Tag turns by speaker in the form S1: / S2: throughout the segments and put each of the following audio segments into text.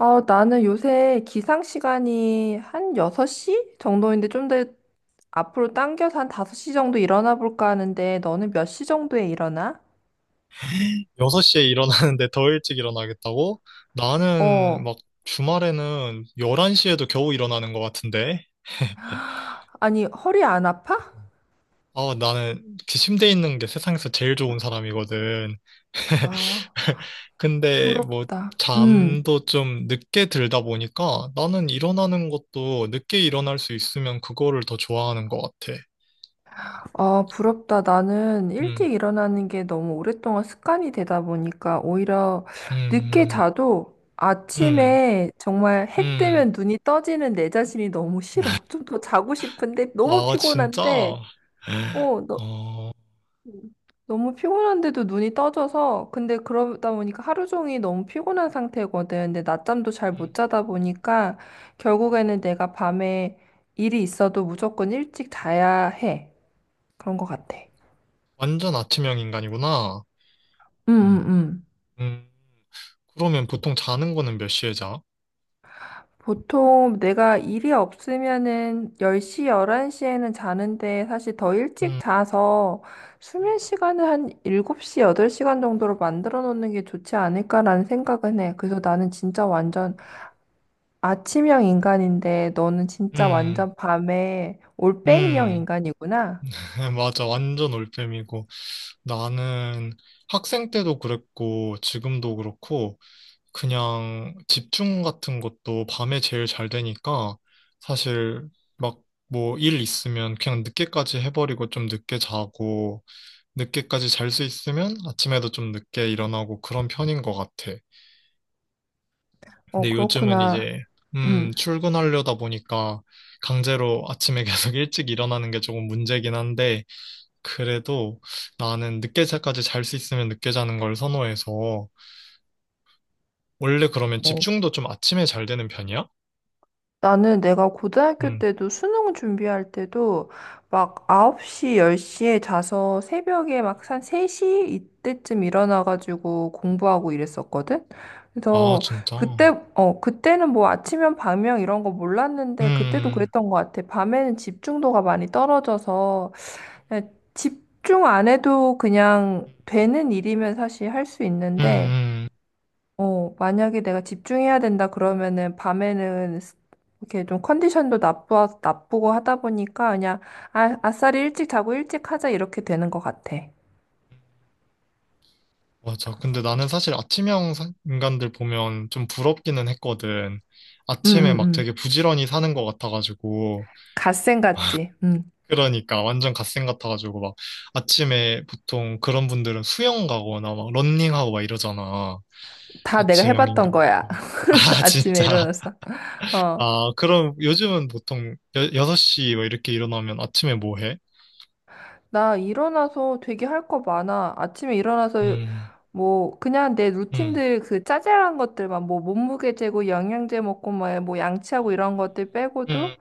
S1: 아, 나는 요새 기상 시간이 한 6시 정도인데 좀 더 앞으로 당겨서 한 5시 정도 일어나 볼까 하는데 너는 몇 시 정도에 일어나?
S2: 6시에 일어나는데 더 일찍 일어나겠다고? 나는
S1: 어,
S2: 막 주말에는 11시에도 겨우 일어나는 것 같은데.
S1: 아니, 허리 안 아파?
S2: 아, 나는 그 침대에 있는 게 세상에서 제일 좋은 사람이거든.
S1: 아,
S2: 근데 뭐
S1: 부럽다.
S2: 잠도 좀 늦게 들다 보니까 나는 일어나는 것도 늦게 일어날 수 있으면 그거를 더 좋아하는 것 같아.
S1: 아, 부럽다. 나는
S2: 음,
S1: 일찍 일어나는 게 너무 오랫동안 습관이 되다 보니까 오히려 늦게
S2: 음,
S1: 자도
S2: 음,
S1: 아침에 정말 해
S2: 음. 음.
S1: 뜨면 눈이 떠지는 내 자신이 너무 싫어. 좀 더 자고 싶은데 너무
S2: 아, 진짜?
S1: 피곤한데 어, 음. 너무 피곤한데도 눈이 떠져서 근데 그러다 보니까 하루 종일 너무 피곤한 상태거든. 근데 낮잠도 잘
S2: 음,
S1: 못 자다 보니까
S2: 음.
S1: 결국에는
S2: 음.
S1: 내가 밤에 일이 있어도 무조건 일찍 자야 해. 그런 것 같아.
S2: 완전 아침형 인간이구나.
S1: 응, 응,
S2: 음,
S1: 응.
S2: 음. 그러면 보통 자는 거는 몇 시에 자?
S1: 보통 내가 일이 없으면은 10시, 11시에는 자는데 사실 더 일찍
S2: 음,
S1: 자서
S2: 음,
S1: 수면 시간을 한 7시, 8시간 정도로 만들어 놓는 게 좋지 않을까라는 생각은 해. 그래서 나는 진짜 완전 아침형 인간인데 너는 진짜
S2: 음.
S1: 완전 밤에 올빼미형
S2: 음.
S1: 인간이구나.
S2: 맞아, 완전 올빼미고. 나는 학생 때도 그랬고 지금도 그렇고 그냥 집중 같은 것도 밤에 제일 잘 되니까 사실 막 뭐 일 있으면 그냥 늦게까지 해버리고 좀 늦게 자고 늦게까지 잘 수 있으면 아침에도 좀 늦게 일어나고 그런 편인 것 같아.
S1: 어,
S2: 근데 요즘은
S1: 그렇구나.
S2: 이제
S1: 응.
S2: 출근하려다 보니까 강제로 아침에 계속 일찍 일어나는 게 조금 문제긴 한데 그래도 나는 늦게 자까지 잘 수 있으면 늦게 자는 걸 선호해서 원래 그러면
S1: 어,
S2: 집중도 좀 아침에 잘 되는 편이야?
S1: 나는 내가 고등학교
S2: 음.
S1: 때도 수능 준비할 때도 막 9시, 10시에 자서 새벽에 막 한 3시 이때쯤 일어나가지고 공부하고 이랬었거든.
S2: 아,
S1: 그래서 그때,
S2: 진짜.
S1: 어, 그때는 뭐 아침형, 밤형 이런 거 몰랐는데 그때도
S2: 음.
S1: 그랬던 것 같아. 밤에는 집중도가 많이 떨어져서 네, 집중 안 해도 그냥 되는 일이면 사실 할 수
S2: 음,
S1: 있는데,
S2: 음.
S1: 어, 만약에 내가 집중해야 된다 그러면은 밤에는 이렇게 좀 컨디션도 나쁘고 하다 보니까 그냥 아, 아싸리 일찍 자고 일찍 하자 이렇게 되는 것 같아. 응,
S2: 맞아. 근데 나는 사실 인간들 보면 좀 부럽기는 했거든.
S1: 응,
S2: 아침에 막
S1: 응.
S2: 되게 부지런히 사는 것 같아가지고.
S1: 갓생 같지? 응.
S2: 그러니까 완전 갓생 같아가지고, 아침에 보통 그런 분들은 수영 가거나 막 런닝하고 막 이러잖아.
S1: 다 내가
S2: 아침형
S1: 해봤던
S2: 인간.
S1: 거야.
S2: 아,
S1: 아침에
S2: 진짜.
S1: 일어나서. 어.
S2: 아, 그럼 요즘은 보통 6시 뭐 이렇게 일어나면 아침에 뭐 해?
S1: 나 일어나서 되게 할 거 많아. 아침에 일어나서
S2: 음,
S1: 뭐 그냥 내
S2: 음,
S1: 루틴들 그 짜잘한 것들만 뭐 몸무게 재고 영양제 먹고 뭐, 뭐 양치하고 이런 것들
S2: 음,
S1: 빼고도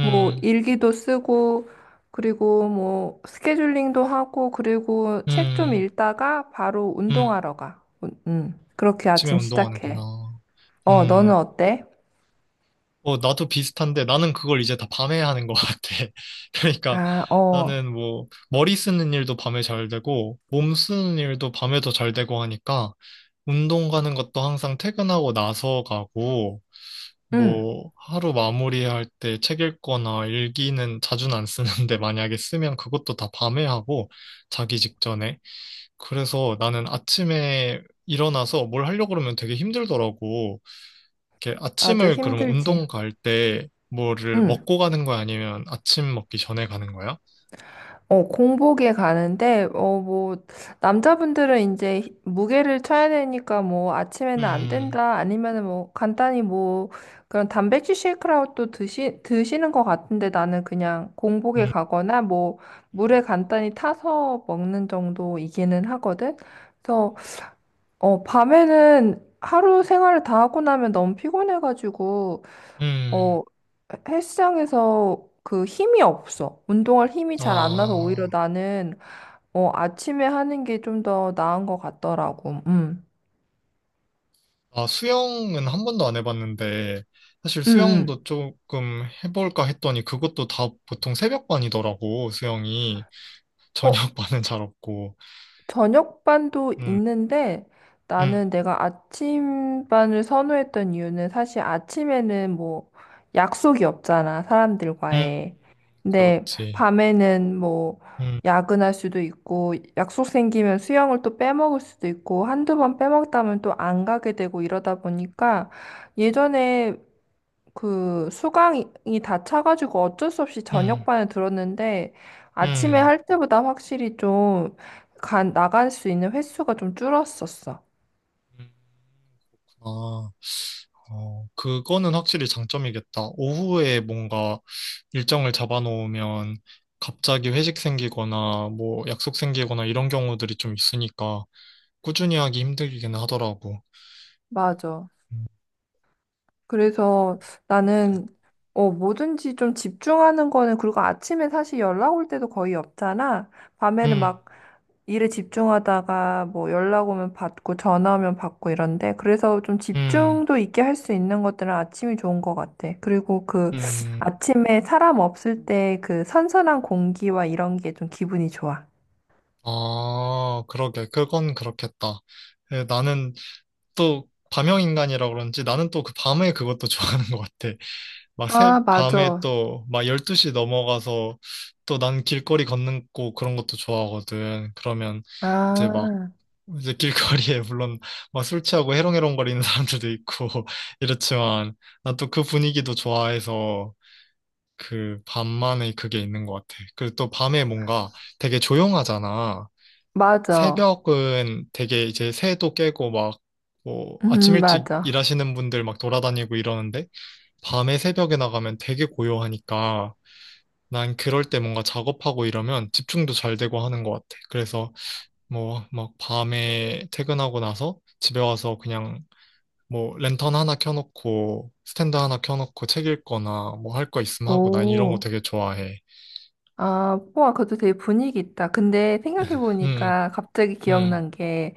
S1: 뭐 일기도 쓰고 그리고 뭐 스케줄링도 하고 그리고 책 좀
S2: 음,
S1: 읽다가 바로
S2: 음.
S1: 운동하러 가. 그렇게
S2: 아침에
S1: 아침 시작해.
S2: 운동하는구나.
S1: 어, 너는
S2: 음,
S1: 어때?
S2: 어, 나도 비슷한데 나는 그걸 이제 다 밤에 하는 것 같아. 그러니까
S1: 아, 어.
S2: 나는 뭐 머리 쓰는 일도 밤에 잘 되고 몸 쓰는 일도 밤에 더 잘 되고 하니까 운동 가는 것도 항상 퇴근하고 나서 가고
S1: 응.
S2: 뭐, 하루 마무리할 때 책 읽거나 일기는 자주는 안 쓰는데 만약에 쓰면 그것도 다 밤에 하고 자기 직전에. 그래서 나는 아침에 일어나서 뭘 하려고 그러면 되게 힘들더라고. 이렇게
S1: 아주
S2: 아침을 그러면
S1: 힘들지.
S2: 운동 갈 때 뭐를
S1: 응.
S2: 먹고 가는 거야? 아니면 아침 먹기 전에 가는 거야?
S1: 어, 공복에 가는데, 어, 뭐, 남자분들은 이제 무게를 쳐야 되니까 뭐, 아침에는 안
S2: 음,
S1: 된다, 아니면은 뭐, 간단히 뭐, 그런 단백질 쉐이크라도 드시는 것 같은데 나는 그냥 공복에
S2: 음,
S1: 가거나 뭐,
S2: 음,
S1: 물에 간단히 타서 먹는 정도이기는 하거든? 그래서, 어, 밤에는 하루 생활을 다 하고 나면 너무 피곤해가지고,
S2: 음,
S1: 어, 헬스장에서 그 힘이 없어. 운동할 힘이 잘 안 나서 오히려
S2: 아.
S1: 나는 어, 아침에 하는 게 좀 더 나은 것 같더라고.
S2: 아, 수영은 한 번도 안 해봤는데, 사실
S1: 음,
S2: 수영도
S1: 음.
S2: 조금 해볼까 했더니 그것도 다 보통 새벽반이더라고, 수영이.
S1: 어,
S2: 저녁반은 잘 없고.
S1: 저녁반도
S2: 음,
S1: 있는데
S2: 음,
S1: 나는 내가 아침반을 선호했던 이유는 사실 아침에는 뭐 약속이 없잖아,
S2: 음,
S1: 사람들과의. 근데
S2: 그렇지.
S1: 밤에는 뭐
S2: 음,
S1: 야근할 수도 있고 약속 생기면 수영을 또 빼먹을 수도 있고 한두 번 빼먹다면 또 안 가게 되고 이러다 보니까 예전에 그 수강이 다 차가지고 어쩔 수 없이
S2: 음,
S1: 저녁반에 들었는데 아침에
S2: 음,
S1: 할 때보다 확실히 좀 나갈 수 있는 횟수가 좀 줄었었어.
S2: 음, 그렇구나. 어, 그거는 확실히 장점이겠다. 오후에 뭔가 일정을 잡아놓으면 갑자기 회식 생기거나 뭐 약속 생기거나 이런 경우들이 좀 있으니까 꾸준히 하기 힘들기는 하더라고.
S1: 맞아. 그래서 나는 어, 뭐든지 좀 집중하는 거는 그리고 아침에 사실 연락 올 때도 거의 없잖아.
S2: 음,
S1: 밤에는
S2: 음,
S1: 막 일에 집중하다가 뭐 연락 오면 받고 전화 오면 받고 이런데 그래서 좀
S2: 음,
S1: 집중도 있게 할 수 있는 것들은 아침이 좋은 것 같아. 그리고 그
S2: 음.
S1: 아침에 사람 없을 때 그 선선한 공기와 이런 게 좀 기분이 좋아.
S2: 아, 그러게. 그건 그렇겠다. 예, 나는 또 밤형인간이라 그런지 나는 또 그 밤에 그것도 좋아하는 것 같아.
S1: 아,
S2: 밤에
S1: 맞아.
S2: 또 12시 넘어가서 또 난 길거리 걷는 거 그런 것도 좋아하거든. 그러면 이제 막
S1: 아,
S2: 이제 길거리에 물론 막 술 취하고 해롱해롱거리는 사람들도 있고 이렇지만 난 또 그 분위기도 좋아해서 그 밤만의 그게 있는 것 같아. 그리고 또 밤에 뭔가 되게 조용하잖아.
S1: 맞아.
S2: 새벽은 되게 이제 새도 깨고 막 뭐 아침 일찍
S1: 맞아.
S2: 일하시는 분들 막 돌아다니고 이러는데 밤에 새벽에 나가면 되게 고요하니까 난 그럴 때 뭔가 작업하고 이러면 집중도 잘 되고 하는 것 같아. 그래서 뭐 막 밤에 퇴근하고 나서 집에 와서 그냥 뭐 랜턴 하나 켜놓고 스탠드 하나 켜놓고 책 읽거나 뭐 할 거 있으면 하고 난 이런 거
S1: 오.
S2: 되게 좋아해.
S1: 아, 우와, 그것도 되게 분위기 있다. 근데
S2: 음,
S1: 생각해보니까 갑자기
S2: 음,
S1: 기억난 게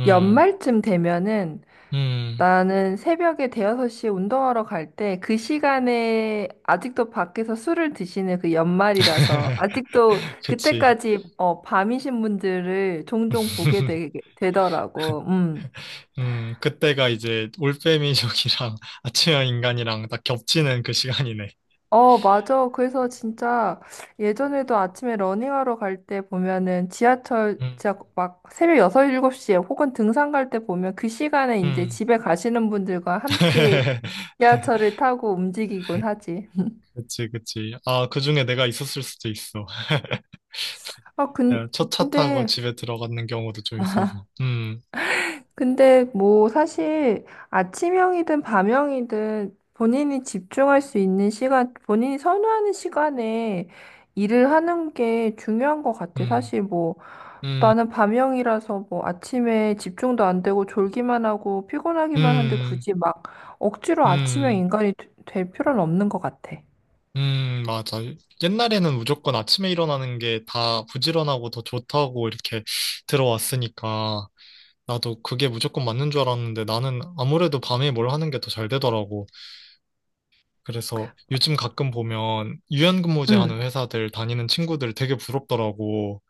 S2: 음,
S1: 연말쯤 되면은
S2: 음.
S1: 나는 새벽에 대여섯 시에 운동하러 갈 때 그 시간에 아직도 밖에서 술을 드시는 그 연말이라서 아직도
S2: 그치.
S1: 그때까지 어, 밤이신 분들을 종종 보게 되, 되더라고.
S2: 그때가 이제 올빼미족이랑 아침형 인간이랑 딱 겹치는 그 시간이네.
S1: 어, 맞아. 그래서 진짜 예전에도 아침에 러닝하러 갈 때 보면은 지하철
S2: 음,
S1: 진짜 막 새벽 여섯 일곱 시에 혹은 등산 갈 때 보면 그 시간에 이제
S2: 음.
S1: 집에 가시는 분들과 함께 지하철을 타고 움직이곤 하지.
S2: 그치, 그치. 아, 그 중에 내가 있었을 수도 있어.
S1: 아,
S2: 첫 차 타고
S1: 근데
S2: 집에 들어가는 경우도 좀 있어서.
S1: 근데 뭐 사실 아침형이든 밤형이든 본인이 집중할 수 있는 시간, 본인이 선호하는 시간에 일을 하는 게 중요한 것 같아.
S2: 음,
S1: 사실 뭐
S2: 음,
S1: 나는 밤형이라서 뭐 아침에 집중도 안 되고 졸기만 하고 피곤하기만 한데
S2: 음,
S1: 굳이 막 억지로 아침형
S2: 음.
S1: 인간이 될 필요는 없는 것 같아.
S2: 맞아. 옛날에는 무조건 아침에 일어나는 게 다 부지런하고 더 좋다고 이렇게 들어왔으니까 나도 그게 무조건 맞는 줄 알았는데 나는 아무래도 밤에 뭘 하는 게 더 잘 되더라고. 그래서 요즘 가끔 보면 유연근무제 하는
S1: 응.
S2: 회사들 다니는 친구들 되게 부럽더라고.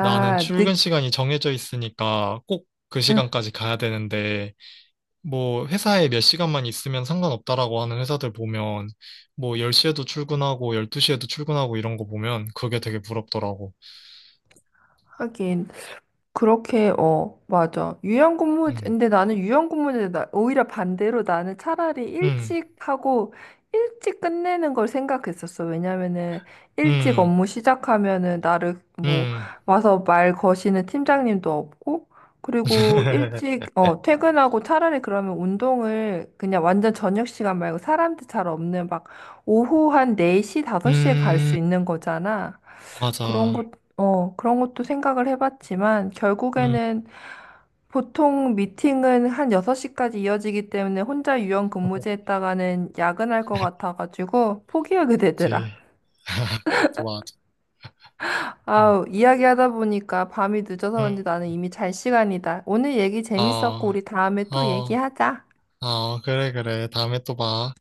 S2: 나는 출근
S1: 늦,
S2: 시간이 정해져 있으니까 꼭 그
S1: 응.
S2: 시간까지 가야 되는데 뭐 회사에 몇 시간만 있으면 상관없다라고 하는 회사들 보면 뭐 10시에도 출근하고 12시에도 출근하고 이런 거 보면 그게 되게 부럽더라고.
S1: 하긴. 그렇게, 어, 맞아.
S2: 음.
S1: 근데 나는 유연근무제, 나, 오히려 반대로 나는 차라리
S2: 음.
S1: 일찍 하고, 일찍 끝내는 걸 생각했었어. 왜냐면은, 일찍
S2: 음.
S1: 업무 시작하면은, 나를, 뭐,
S2: 음.
S1: 와서 말 거시는 팀장님도 없고, 그리고 일찍, 어, 퇴근하고 차라리 그러면 운동을 그냥 완전 저녁 시간 말고 사람들 잘 없는 막, 오후 한 4시, 5시에 갈
S2: 음.
S1: 수 있는 거잖아. 그런
S2: 맞아.
S1: 것, 어, 그런 것도 생각을 해봤지만,
S2: 음.
S1: 결국에는 보통 미팅은 한 6시까지 이어지기 때문에 혼자 유연 근무제 했다가는 야근할 것 같아가지고 포기하게 되더라.
S2: 그치. 그것도 맞아. 음.
S1: 아우, 이야기하다 보니까 밤이 늦어서
S2: 음.
S1: 그런지 나는 이미 잘 시간이다. 오늘 얘기
S2: 어.
S1: 재밌었고, 우리 다음에 또
S2: 어.
S1: 얘기하자.
S2: 어. 그래 그래. 다음에 또 봐.